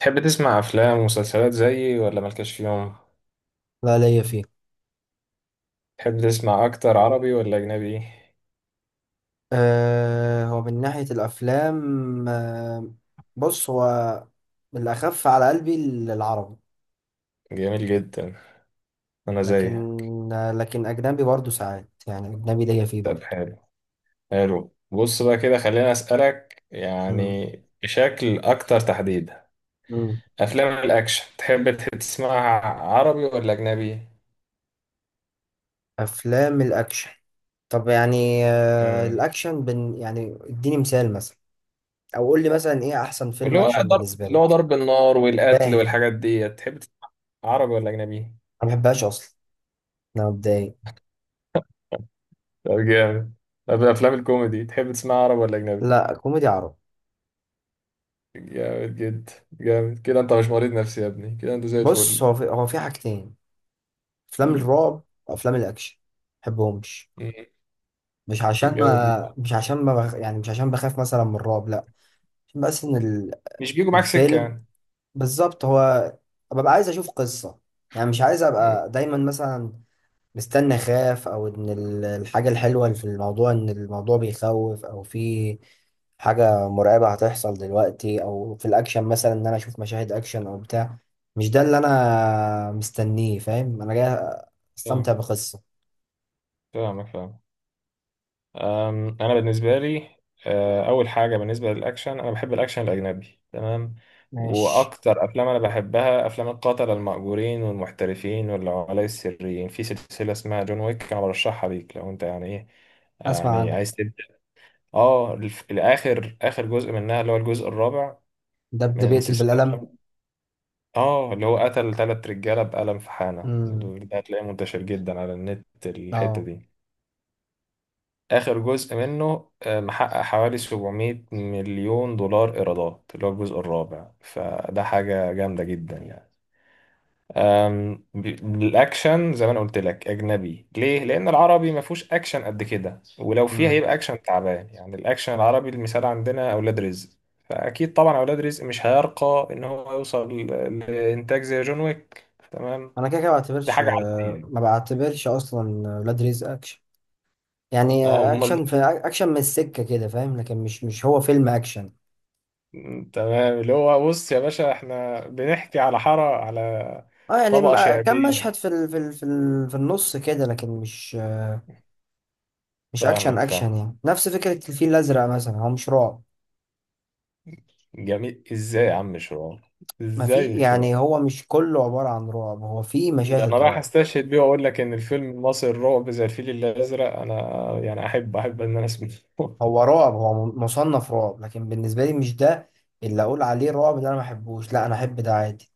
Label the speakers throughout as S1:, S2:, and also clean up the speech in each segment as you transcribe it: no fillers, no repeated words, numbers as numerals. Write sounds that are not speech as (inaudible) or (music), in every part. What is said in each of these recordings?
S1: تحب تسمع أفلام ومسلسلات زيي ولا مالكش فيهم؟
S2: لا ليا فيه.
S1: تحب تسمع أكتر عربي ولا أجنبي؟
S2: هو من ناحية الأفلام. أه. بص هو الأخف على قلبي العربي.
S1: جميل جدا، أنا
S2: لكن،
S1: زيك.
S2: أجنبي برضه ساعات، يعني أجنبي ليا فيه
S1: طب
S2: برضه.
S1: حلو. حلو، بص بقى كده خليني أسألك
S2: مم.
S1: يعني بشكل أكتر تحديدا.
S2: مم.
S1: أفلام الأكشن تحب تسمعها عربي ولا أجنبي؟
S2: أفلام الأكشن، طب يعني
S1: امم
S2: الأكشن يعني اديني مثال مثلا، أو قول لي مثلا إيه أحسن فيلم
S1: واللي هو
S2: أكشن
S1: ضرب،
S2: بالنسبة
S1: اللي هو
S2: لك؟
S1: ضرب النار والقتل
S2: فاهم.
S1: والحاجات دي، تحب تسمع عربي ولا أجنبي؟
S2: أنا ما بحبهاش أصلا، أنا متضايق.
S1: طب جامد. طب أفلام الكوميدي تحب تسمع عربي ولا أجنبي؟
S2: لا، كوميدي عربي.
S1: جامد جدا. جامد كده، انت مش مريض نفسي يا ابني، كده انت زي
S2: بص،
S1: الفل.
S2: هو في حاجتين: افلام
S1: مم.
S2: الرعب وافلام الاكشن، بحبهمش.
S1: مم.
S2: مش عشان
S1: جامد جدا.
S2: ما مش عشان ما بخ... يعني مش عشان بخاف مثلا من الرعب، لا. عشان بس
S1: مش بيجوا معاك سكة
S2: الفيلم
S1: يعني.
S2: بالظبط، هو ببقى عايز اشوف قصة. يعني مش عايز
S1: مم.
S2: ابقى دايما مثلا مستني اخاف، او ان الحاجة الحلوة اللي في الموضوع ان الموضوع بيخوف او في حاجة مرعبة هتحصل دلوقتي، أو في الأكشن مثلا إن أنا أشوف مشاهد أكشن أو بتاع. مش ده اللي أنا مستنيه. فاهم؟ أنا جاي أستمتع
S1: فاهمك.
S2: بقصة.
S1: فاهمك فاهم. انا بالنسبة لي اول حاجة بالنسبة للاكشن، انا بحب الاكشن الاجنبي، تمام.
S2: ماشي.
S1: واكتر افلام انا بحبها، افلام القتلة المأجورين والمحترفين والعملاء السريين، في سلسلة اسمها جون ويك، انا برشحها ليك لو انت يعني ايه،
S2: اسمع
S1: يعني
S2: عنه.
S1: عايز تبدأ. اه الاخر، اخر جزء منها اللي هو الجزء الرابع
S2: ده اللي
S1: من
S2: بيقتل
S1: سلسلة.
S2: بالقلم؟
S1: اه، اللي هو قتل تلات رجالة بقلم في حانة.
S2: امم.
S1: ده هتلاقيه منتشر جدا على النت، الحتة
S2: اه.
S1: دي آخر جزء منه. محقق حوالي 700 مليون دولار إيرادات، اللي هو الجزء الرابع، فده حاجة جامدة جدا يعني. الأكشن زي ما أنا قلت لك أجنبي. ليه؟ لأن العربي ما فيهوش أكشن قد كده، ولو فيه
S2: امم.
S1: هيبقى أكشن تعبان يعني. الأكشن العربي، المثال عندنا أولاد رزق، فأكيد طبعا أولاد رزق مش هيرقى إن هو يوصل لإنتاج زي جون ويك. تمام،
S2: انا كده كده ما
S1: دي
S2: بعتبرش،
S1: حاجة عالمية يعني.
S2: ما بعتبرش اصلا ولاد رزق اكشن. يعني
S1: اه امال.
S2: اكشن في اكشن من السكه كده، فاهم، لكن مش هو فيلم اكشن.
S1: تمام، اللي هو بص يا باشا، احنا بنحكي على حارة، على
S2: اه يعني
S1: طبقة
S2: كم مشهد
S1: شعبية.
S2: في النص كده، لكن مش، مش اكشن
S1: فاهمك فاهم.
S2: اكشن. يعني نفس فكره الفيل الازرق مثلا، هو مش رعب.
S1: جميل، ازاي يا عم شرار،
S2: ما في،
S1: ازاي مش شرار.
S2: يعني هو مش كله عباره عن رعب، هو في
S1: ده انا
S2: مشاهد
S1: رايح
S2: رعب.
S1: استشهد بيه واقول لك ان الفيلم المصري الرعب زي الفيل الازرق، انا يعني احب، احب ان انا اسمعه. (laughs)
S2: هو رعب، هو مصنف رعب، لكن بالنسبة لي مش ده اللي أقول عليه رعب. ده أنا ما أحبوش. لا، أنا أحب ده عادي،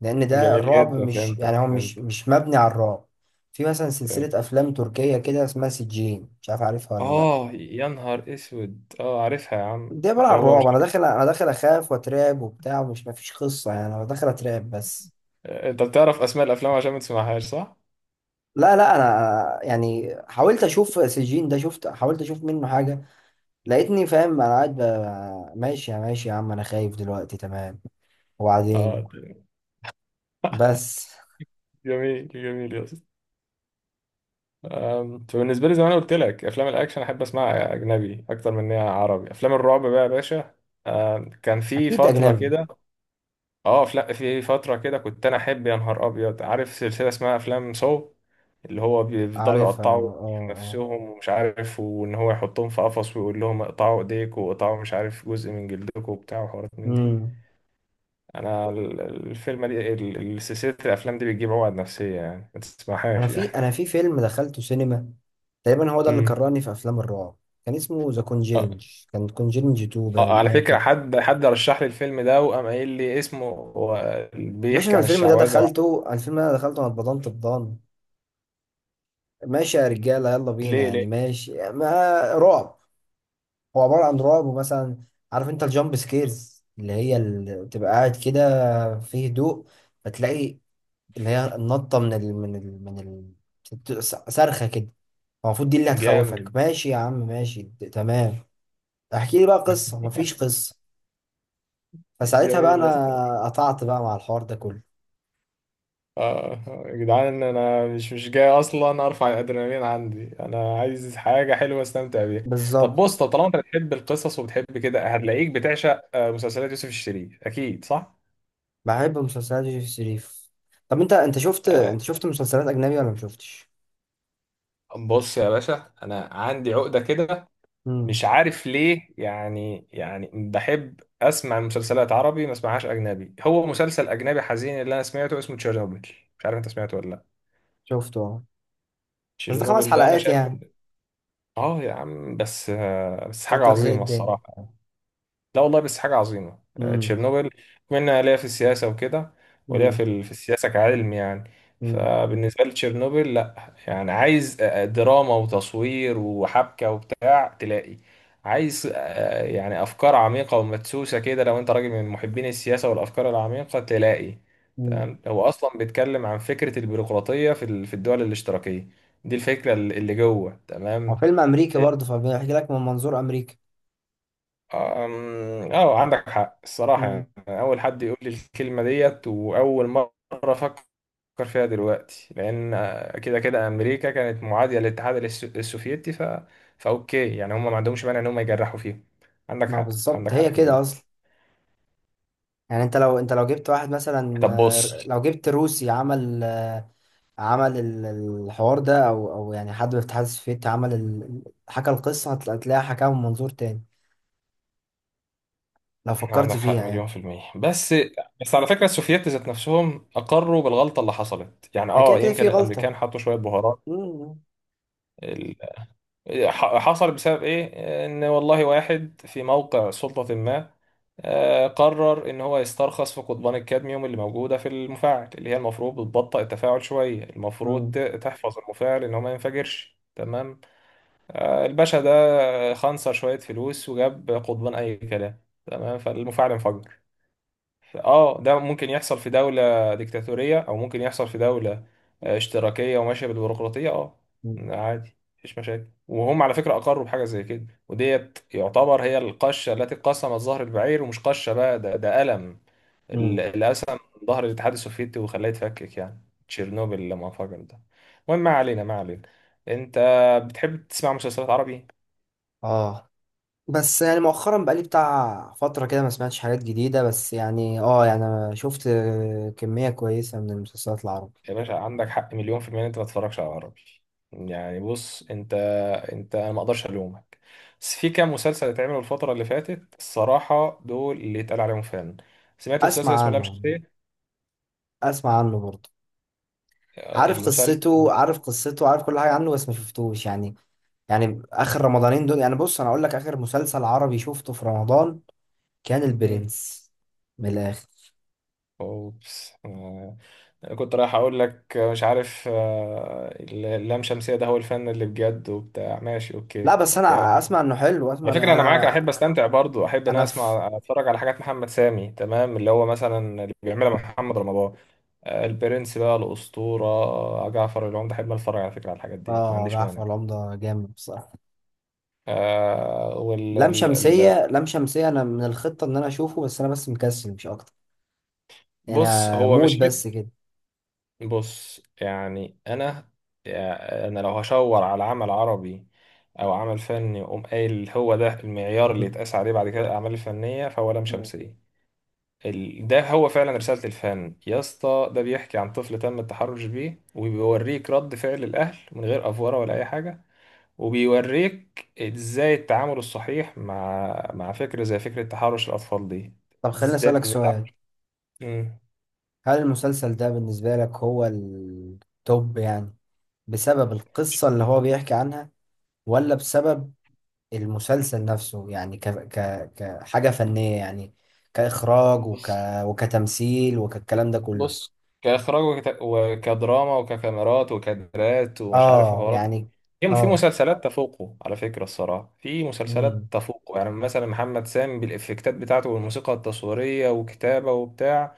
S2: لأن ده
S1: جميل
S2: الرعب،
S1: جدا،
S2: مش
S1: فهمتك
S2: يعني هو مش
S1: فهمت.
S2: مش مبني على الرعب. في مثلا سلسلة
S1: فهمت.
S2: أفلام تركية كده اسمها سجين، مش عارف عارفها ولا لأ.
S1: اه، يا نهار اسود، اه عارفها يا عم،
S2: دي عبارة
S1: اللي
S2: عن
S1: هو
S2: رعب.
S1: مش
S2: أنا
S1: عارف.
S2: داخل أنا داخل أخاف وأترعب وبتاع، ومش مفيش قصة. يعني أنا داخل أترعب بس.
S1: انت بتعرف اسماء الافلام عشان ما تسمعهاش، صح؟
S2: لا لا، أنا يعني حاولت أشوف سجين ده، شفت حاولت أشوف منه حاجة، لقيتني فاهم أنا قاعد ماشي يا ماشي يا عم، أنا خايف دلوقتي، تمام،
S1: اه.
S2: وبعدين بس.
S1: جميل جميل يا اسطى. انت بالنسبه لي زي ما انا قلت لك، افلام الاكشن احب اسمعها اجنبي اكتر من انها عربي. افلام الرعب بقى يا باشا، آه كان في
S2: اكيد
S1: فتره
S2: اجنبي.
S1: كده، اه افلام في فتره كده كنت انا احب، يا نهار ابيض، عارف سلسله اسمها افلام سو، اللي هو بيفضلوا
S2: عارفها اه.
S1: يقطعوا
S2: اه. اه.
S1: نفسهم ومش عارف، وان هو يحطهم في قفص ويقول لهم اقطعوا ايديك، واقطعوا مش عارف جزء من جلدكم وبتاع، وحوارات من دي.
S2: امم.
S1: انا الفيلم دي، سلسله الافلام دي بتجيب عقد نفسيه يعني، ما
S2: انا
S1: تسمعهاش
S2: في انا
S1: يعني.
S2: في فيلم دخلته سينما تقريبا، هو ده اللي
S1: امم
S2: كرهني في افلام الرعب. كان اسمه ذا كونجيرنج. كان كونجيرنج 2
S1: اه.
S2: باين،
S1: على
S2: حاجه
S1: فكرة
S2: كده.
S1: حد رشح لي الفيلم ده وقام قايل لي اسمه، هو
S2: باشا
S1: بيحكي
S2: انا
S1: عن
S2: الفيلم ده
S1: الشعوذة
S2: دخلته، الفيلم ده أنا دخلته انا اتبضنت بضان. ماشي يا رجاله يلا بينا،
S1: ليه ليه؟
S2: يعني ماشي. ما رعب، هو عباره عن رعب. ومثلا عارف انت الجامب سكيرز؟ اللي هي اللي بتبقى قاعد كده في هدوء فتلاقي اللي هي النطة من ال بت- صرخة كده. هو المفروض دي اللي هتخوفك.
S1: جامد.
S2: ماشي يا عم ماشي، تمام. احكي لي بقى قصة، مفيش
S1: (laughs)
S2: قصة. فساعتها بقى
S1: جميل يا اسطى.
S2: انا قطعت بقى مع الحوار ده كله.
S1: اه يا جدعان، انا مش جاي اصلا ارفع الادرينالين عندي، انا عايز حاجة حلوة استمتع بيها. طب
S2: بالظبط.
S1: بص، طب طالما انت بتحب القصص وبتحب كده، هتلاقيك بتعشق مسلسلات يوسف الشريف، اكيد صح.
S2: بحب مسلسلات يوسف شريف. طب انت انت شفت
S1: آه،
S2: انت شفت مسلسلات اجنبي ولا ما شفتش؟
S1: بص يا باشا، انا عندي عقدة كده مش
S2: امم.
S1: عارف ليه يعني. يعني بحب اسمع المسلسلات عربي، ما اسمعهاش اجنبي. هو مسلسل اجنبي حزين اللي انا سمعته اسمه تشيرنوبل، مش عارف انت سمعته ولا لا.
S2: شفته اه. بس ده خمس
S1: تشيرنوبل، ده انا
S2: حلقات
S1: شايف
S2: يعني.
S1: اه يا عم بس بس حاجه
S2: كتر خير
S1: عظيمه
S2: الدنيا.
S1: الصراحه يعني. لا والله، بس حاجة عظيمة
S2: امم.
S1: تشيرنوبل. بما إن أنا ليا في السياسة وكده، وليا
S2: امم.
S1: في في السياسة كعلم يعني،
S2: امم.
S1: فبالنسبة لي تشيرنوبل، لا يعني عايز دراما وتصوير وحبكة وبتاع، تلاقي عايز يعني أفكار عميقة ومدسوسة كده. لو أنت راجل من محبين السياسة والأفكار العميقة، تلاقي
S2: امم.
S1: تمام، هو أصلا بيتكلم عن فكرة البيروقراطية في في الدول الاشتراكية، دي الفكرة اللي اللي جوه
S2: هو
S1: تمام.
S2: فيلم امريكي برضه، فبيحكي لك من منظور امريكا.
S1: اه عندك حق الصراحة
S2: امم.
S1: يعني، أنا أول حد يقول لي الكلمة ديت وأول مرة أفكر فيها دلوقتي، لأن كده كده أمريكا كانت معادية للاتحاد السوفيتي، فأوكي يعني، هم ما عندهمش مانع إن هم يجرحوا فيهم. عندك
S2: ما
S1: حق،
S2: بالظبط
S1: عندك حق
S2: هي
S1: في
S2: كده
S1: دي.
S2: اصلا. يعني انت لو، جبت واحد مثلا،
S1: طب بص،
S2: لو جبت روسي عمل، عمل الحوار ده، او او يعني حد من الاتحاد السوفيتي عمل حكى القصه، هتلاقيها حكاها من منظور تاني، لو فكرت
S1: عندك حق
S2: فيها يعني.
S1: مليون في المية. بس بس على فكرة السوفييت ذات نفسهم أقروا بالغلطة اللي حصلت يعني،
S2: يعني كده
S1: اه
S2: كده في
S1: يمكن
S2: غلطه.
S1: الأمريكان حطوا شوية بهارات.
S2: مم.
S1: حصل بسبب ايه؟ ان والله واحد في موقع سلطة ما قرر ان هو يسترخص في قضبان الكادميوم اللي موجودة في المفاعل، اللي هي المفروض بتبطئ التفاعل شوية، المفروض
S2: مم.
S1: تحفظ المفاعل ان هو ما ينفجرش، تمام. الباشا ده خنصر شوية فلوس وجاب قضبان اي كلام، تمام، فالمفاعل انفجر. اه، ده ممكن يحصل في دولة ديكتاتورية، او ممكن يحصل في دولة اشتراكية وماشية بالبيروقراطية، اه
S2: مم.
S1: عادي، مفيش مشاكل. وهم على فكرة اقروا بحاجة زي كده، وديت يعتبر هي القشة التي قسمت ظهر البعير، ومش قشة بقى، ده ده ألم.
S2: مم.
S1: اللي قسم ظهر الاتحاد السوفيتي وخلاه يتفكك يعني، تشيرنوبل لما انفجر ده. المهم ما علينا، ما علينا. انت بتحب تسمع مسلسلات عربي،
S2: اه، بس يعني مؤخرا بقالي بتاع فتره كده ما سمعتش حاجات جديده، بس يعني اه، يعني انا شفت، كميه كويسه من المسلسلات العربية.
S1: يا باشا عندك حق مليون في المية إن انت ما تتفرجش على عربي. يعني بص انت، انت انا ما اقدرش الومك، بس في كام مسلسل اتعملوا الفترة اللي فاتت، الصراحة دول اللي اتقال عليهم فن. سمعت
S2: اسمع
S1: مسلسل اسمه لام
S2: عنه.
S1: شمسية؟
S2: اسمع عنه برضه. عارف
S1: المسلسل
S2: قصته
S1: ده،
S2: عارف قصته عارف كل حاجة عنه، بس ما شفتوش يعني. يعني آخر رمضانين دول، يعني بص أنا أقول لك، آخر مسلسل عربي شفته في رمضان كان
S1: مم.
S2: البرنس، من الآخر.
S1: اوبس. أنا كنت رايح اقول لك مش عارف اللام شمسية ده هو الفن اللي بجد وبتاع. ماشي
S2: لا
S1: اوكي
S2: بس
S1: اوكي، انا
S2: أنا أسمع إنه حلو، أسمع
S1: على
S2: إن
S1: فكرة أنا معاك، أنا
S2: أنا،
S1: أحب أستمتع برضو، أحب إن أنا
S2: أنا في،
S1: أسمع أتفرج على حاجات محمد سامي، تمام، اللي هو مثلا اللي بيعملها محمد رمضان. البرنس بقى، الأسطورة، جعفر العمدة، أحب أتفرج على فكرة، على الحاجات ديت، ما
S2: آه
S1: عنديش
S2: جعفر
S1: مانع.
S2: العمدة جامد بصراحة.
S1: آه
S2: لام
S1: ال-
S2: شمسية، أنا من الخطة إن أنا أشوفه، بس أنا بس مكسل مش أكتر يعني،
S1: بص هو
S2: موت
S1: مش حك.
S2: بس كده.
S1: بص يعني أنا، يعني أنا لو هشاور على عمل عربي أو عمل فني وأقوم قايل هو ده المعيار اللي
S2: مم.
S1: يتقاس عليه بعد كده الأعمال الفنية، فهو لام
S2: مم.
S1: شمسية. ده هو فعلا رسالة الفن يا اسطى. ده بيحكي عن طفل تم التحرش بيه، وبيوريك رد فعل الأهل من غير أفورة ولا أي حاجة، وبيوريك ازاي التعامل الصحيح مع مع فكرة زي فكرة تحرش الأطفال دي،
S2: طب خليني
S1: ازاي
S2: أسألك
S1: نتعامل.
S2: سؤال:
S1: مم.
S2: هل المسلسل ده بالنسبة لك هو التوب يعني بسبب القصة اللي هو بيحكي عنها، ولا بسبب المسلسل نفسه يعني كحاجة فنية يعني، كإخراج
S1: بص.
S2: وكتمثيل وكالكلام ده كله؟
S1: بص، كإخراج وكدراما وككاميرات وكادرات ومش عارف
S2: اه
S1: حوارات،
S2: يعني.
S1: في في
S2: اه.
S1: مسلسلات تفوقه على فكرة، الصراحة في مسلسلات
S2: امم.
S1: تفوقه يعني، مثلا محمد سامي بالإفكتات بتاعته والموسيقى التصويرية وكتابة وبتاع،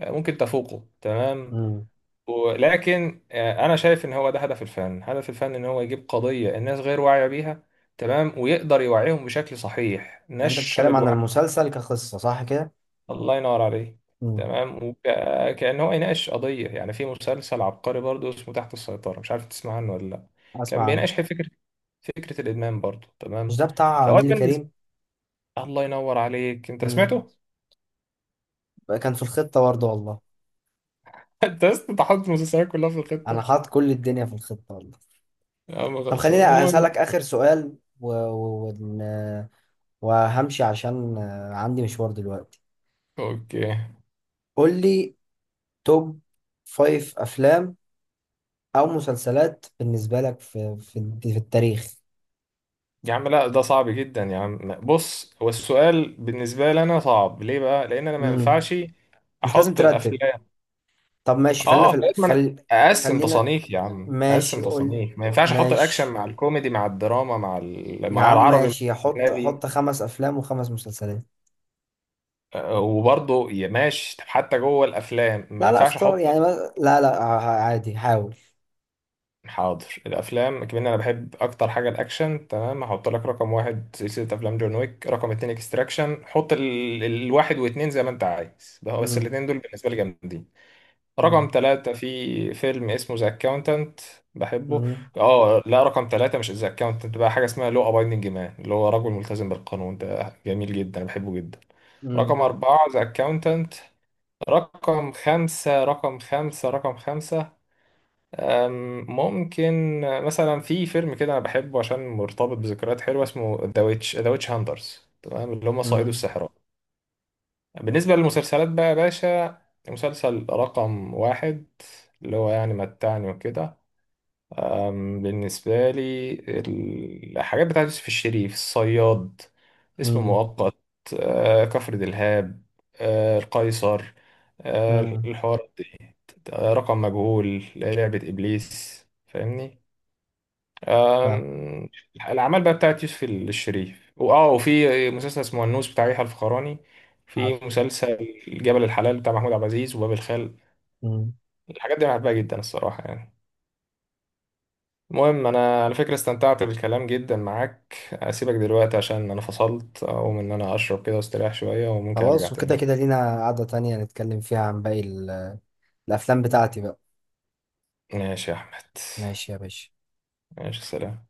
S1: ممكن تفوقه تمام.
S2: امم.
S1: ولكن انا شايف ان هو ده هدف الفن، هدف الفن ان هو يجيب قضية الناس غير واعية بيها، تمام، ويقدر يوعيهم بشكل صحيح،
S2: يعني انت
S1: نشر
S2: بتتكلم عن
S1: الوعي.
S2: المسلسل كقصة، صح كده؟
S1: الله ينور عليه.
S2: امم.
S1: تمام، وكأن هو يناقش قضية يعني. في مسلسل عبقري برضو اسمه تحت السيطرة، مش عارف تسمع عنه ولا لا.
S2: اسمع
S1: كان
S2: عنه.
S1: بيناقش فكرة، فكرة الإدمان برضو،
S2: مش
S1: تمام.
S2: ده بتاع
S1: فهو
S2: نيلي
S1: بالنسبة،
S2: كريم؟
S1: الله ينور عليك، انت
S2: امم.
S1: سمعته؟
S2: كان في الخطة برضه والله.
S1: (laughs) انت لسه تحط المسلسلات كلها في
S2: انا
S1: الخطة.
S2: حاطط كل الدنيا في الخطة والله.
S1: يا عم
S2: طب خليني
S1: خلصان، المهم
S2: اسألك اخر سؤال وهمشي عشان عندي مشوار دلوقتي.
S1: اوكي.
S2: قول لي توب فايف افلام او مسلسلات بالنسبه لك في التاريخ.
S1: يا عم لا، ده صعب جدا يا عم. بص، هو السؤال بالنسبة لي أنا صعب ليه بقى؟ لأن أنا ما
S2: مم.
S1: ينفعش
S2: مش لازم
S1: أحط
S2: ترتب.
S1: الأفلام،
S2: طب ماشي، خلينا
S1: آه
S2: في
S1: لغاية ما أنا أقسم
S2: خلينا،
S1: تصانيف يا عم،
S2: ماشي
S1: أقسم
S2: قول،
S1: تصانيف. ما ينفعش أحط الأكشن
S2: ماشي،
S1: مع الكوميدي مع الدراما مع
S2: يا
S1: مع
S2: عم
S1: العربي مع
S2: ماشي، حط،
S1: الأجنبي.
S2: خمس افلام وخمس مسلسلات.
S1: وبرضه يا ماشي، طب حتى جوه الأفلام ما
S2: لا لا،
S1: ينفعش
S2: اختار
S1: أحط.
S2: يعني، ما... لا لا، عادي حاول.
S1: حاضر، الافلام كمان انا بحب اكتر حاجه الاكشن، تمام، هحط لك رقم واحد سلسله افلام جون ويك. رقم اتنين اكستراكشن، حط الواحد واتنين زي ما انت عايز، ده هو بس
S2: مم.
S1: الاتنين دول بالنسبه لي جامدين. رقم
S2: مم.
S1: تلاتة، في فيلم اسمه ذا اكاونتنت، بحبه.
S2: مم.
S1: اه لا، رقم تلاتة مش ذا اكاونتنت بقى، حاجه اسمها لو ابايندنج مان، اللي هو رجل ملتزم بالقانون، ده جميل جدا بحبه جدا. رقم
S2: مم.
S1: أربعة ذا أكاونتنت. رقم خمسة، رقم خمسة، رقم خمسة، ممكن مثلا في فيلم كده انا بحبه عشان مرتبط بذكريات حلوه، اسمه ذا ويتش، ذا ويتش هانترز، تمام، اللي هم صائدو
S2: مم.
S1: السحرة. بالنسبه للمسلسلات بقى يا باشا، مسلسل رقم واحد، اللي هو يعني متعني وكده، بالنسبه لي الحاجات بتاعت يوسف الشريف، الصياد، اسم
S2: مم.
S1: مؤقت، كفر دلهاب، القيصر،
S2: مم.
S1: الحوار دي، رقم مجهول، لعبه ابليس، فاهمني.
S2: فاهم.
S1: أم، الأعمال بقى بتاعت يوسف الشريف، وآه وفي مسلسل اسمه النوس بتاع يحيى الفخراني، في
S2: عارف.
S1: مسلسل جبل الحلال بتاع محمود عبد العزيز، وباب الخال.
S2: مم.
S1: الحاجات دي أنا بحبها جدا الصراحة يعني. المهم، أنا على فكرة استمتعت بالكلام جدا معاك، أسيبك دلوقتي عشان أنا فصلت، أقوم إن أنا أشرب كده واستريح شوية، وممكن أرجع
S2: خلاص، وكده
S1: تاني.
S2: كده لينا قعدة تانية نتكلم فيها عن باقي الافلام بتاعتي بقى.
S1: ماشي يا أحمد.
S2: ماشي يا باشا.
S1: ماشي سلام.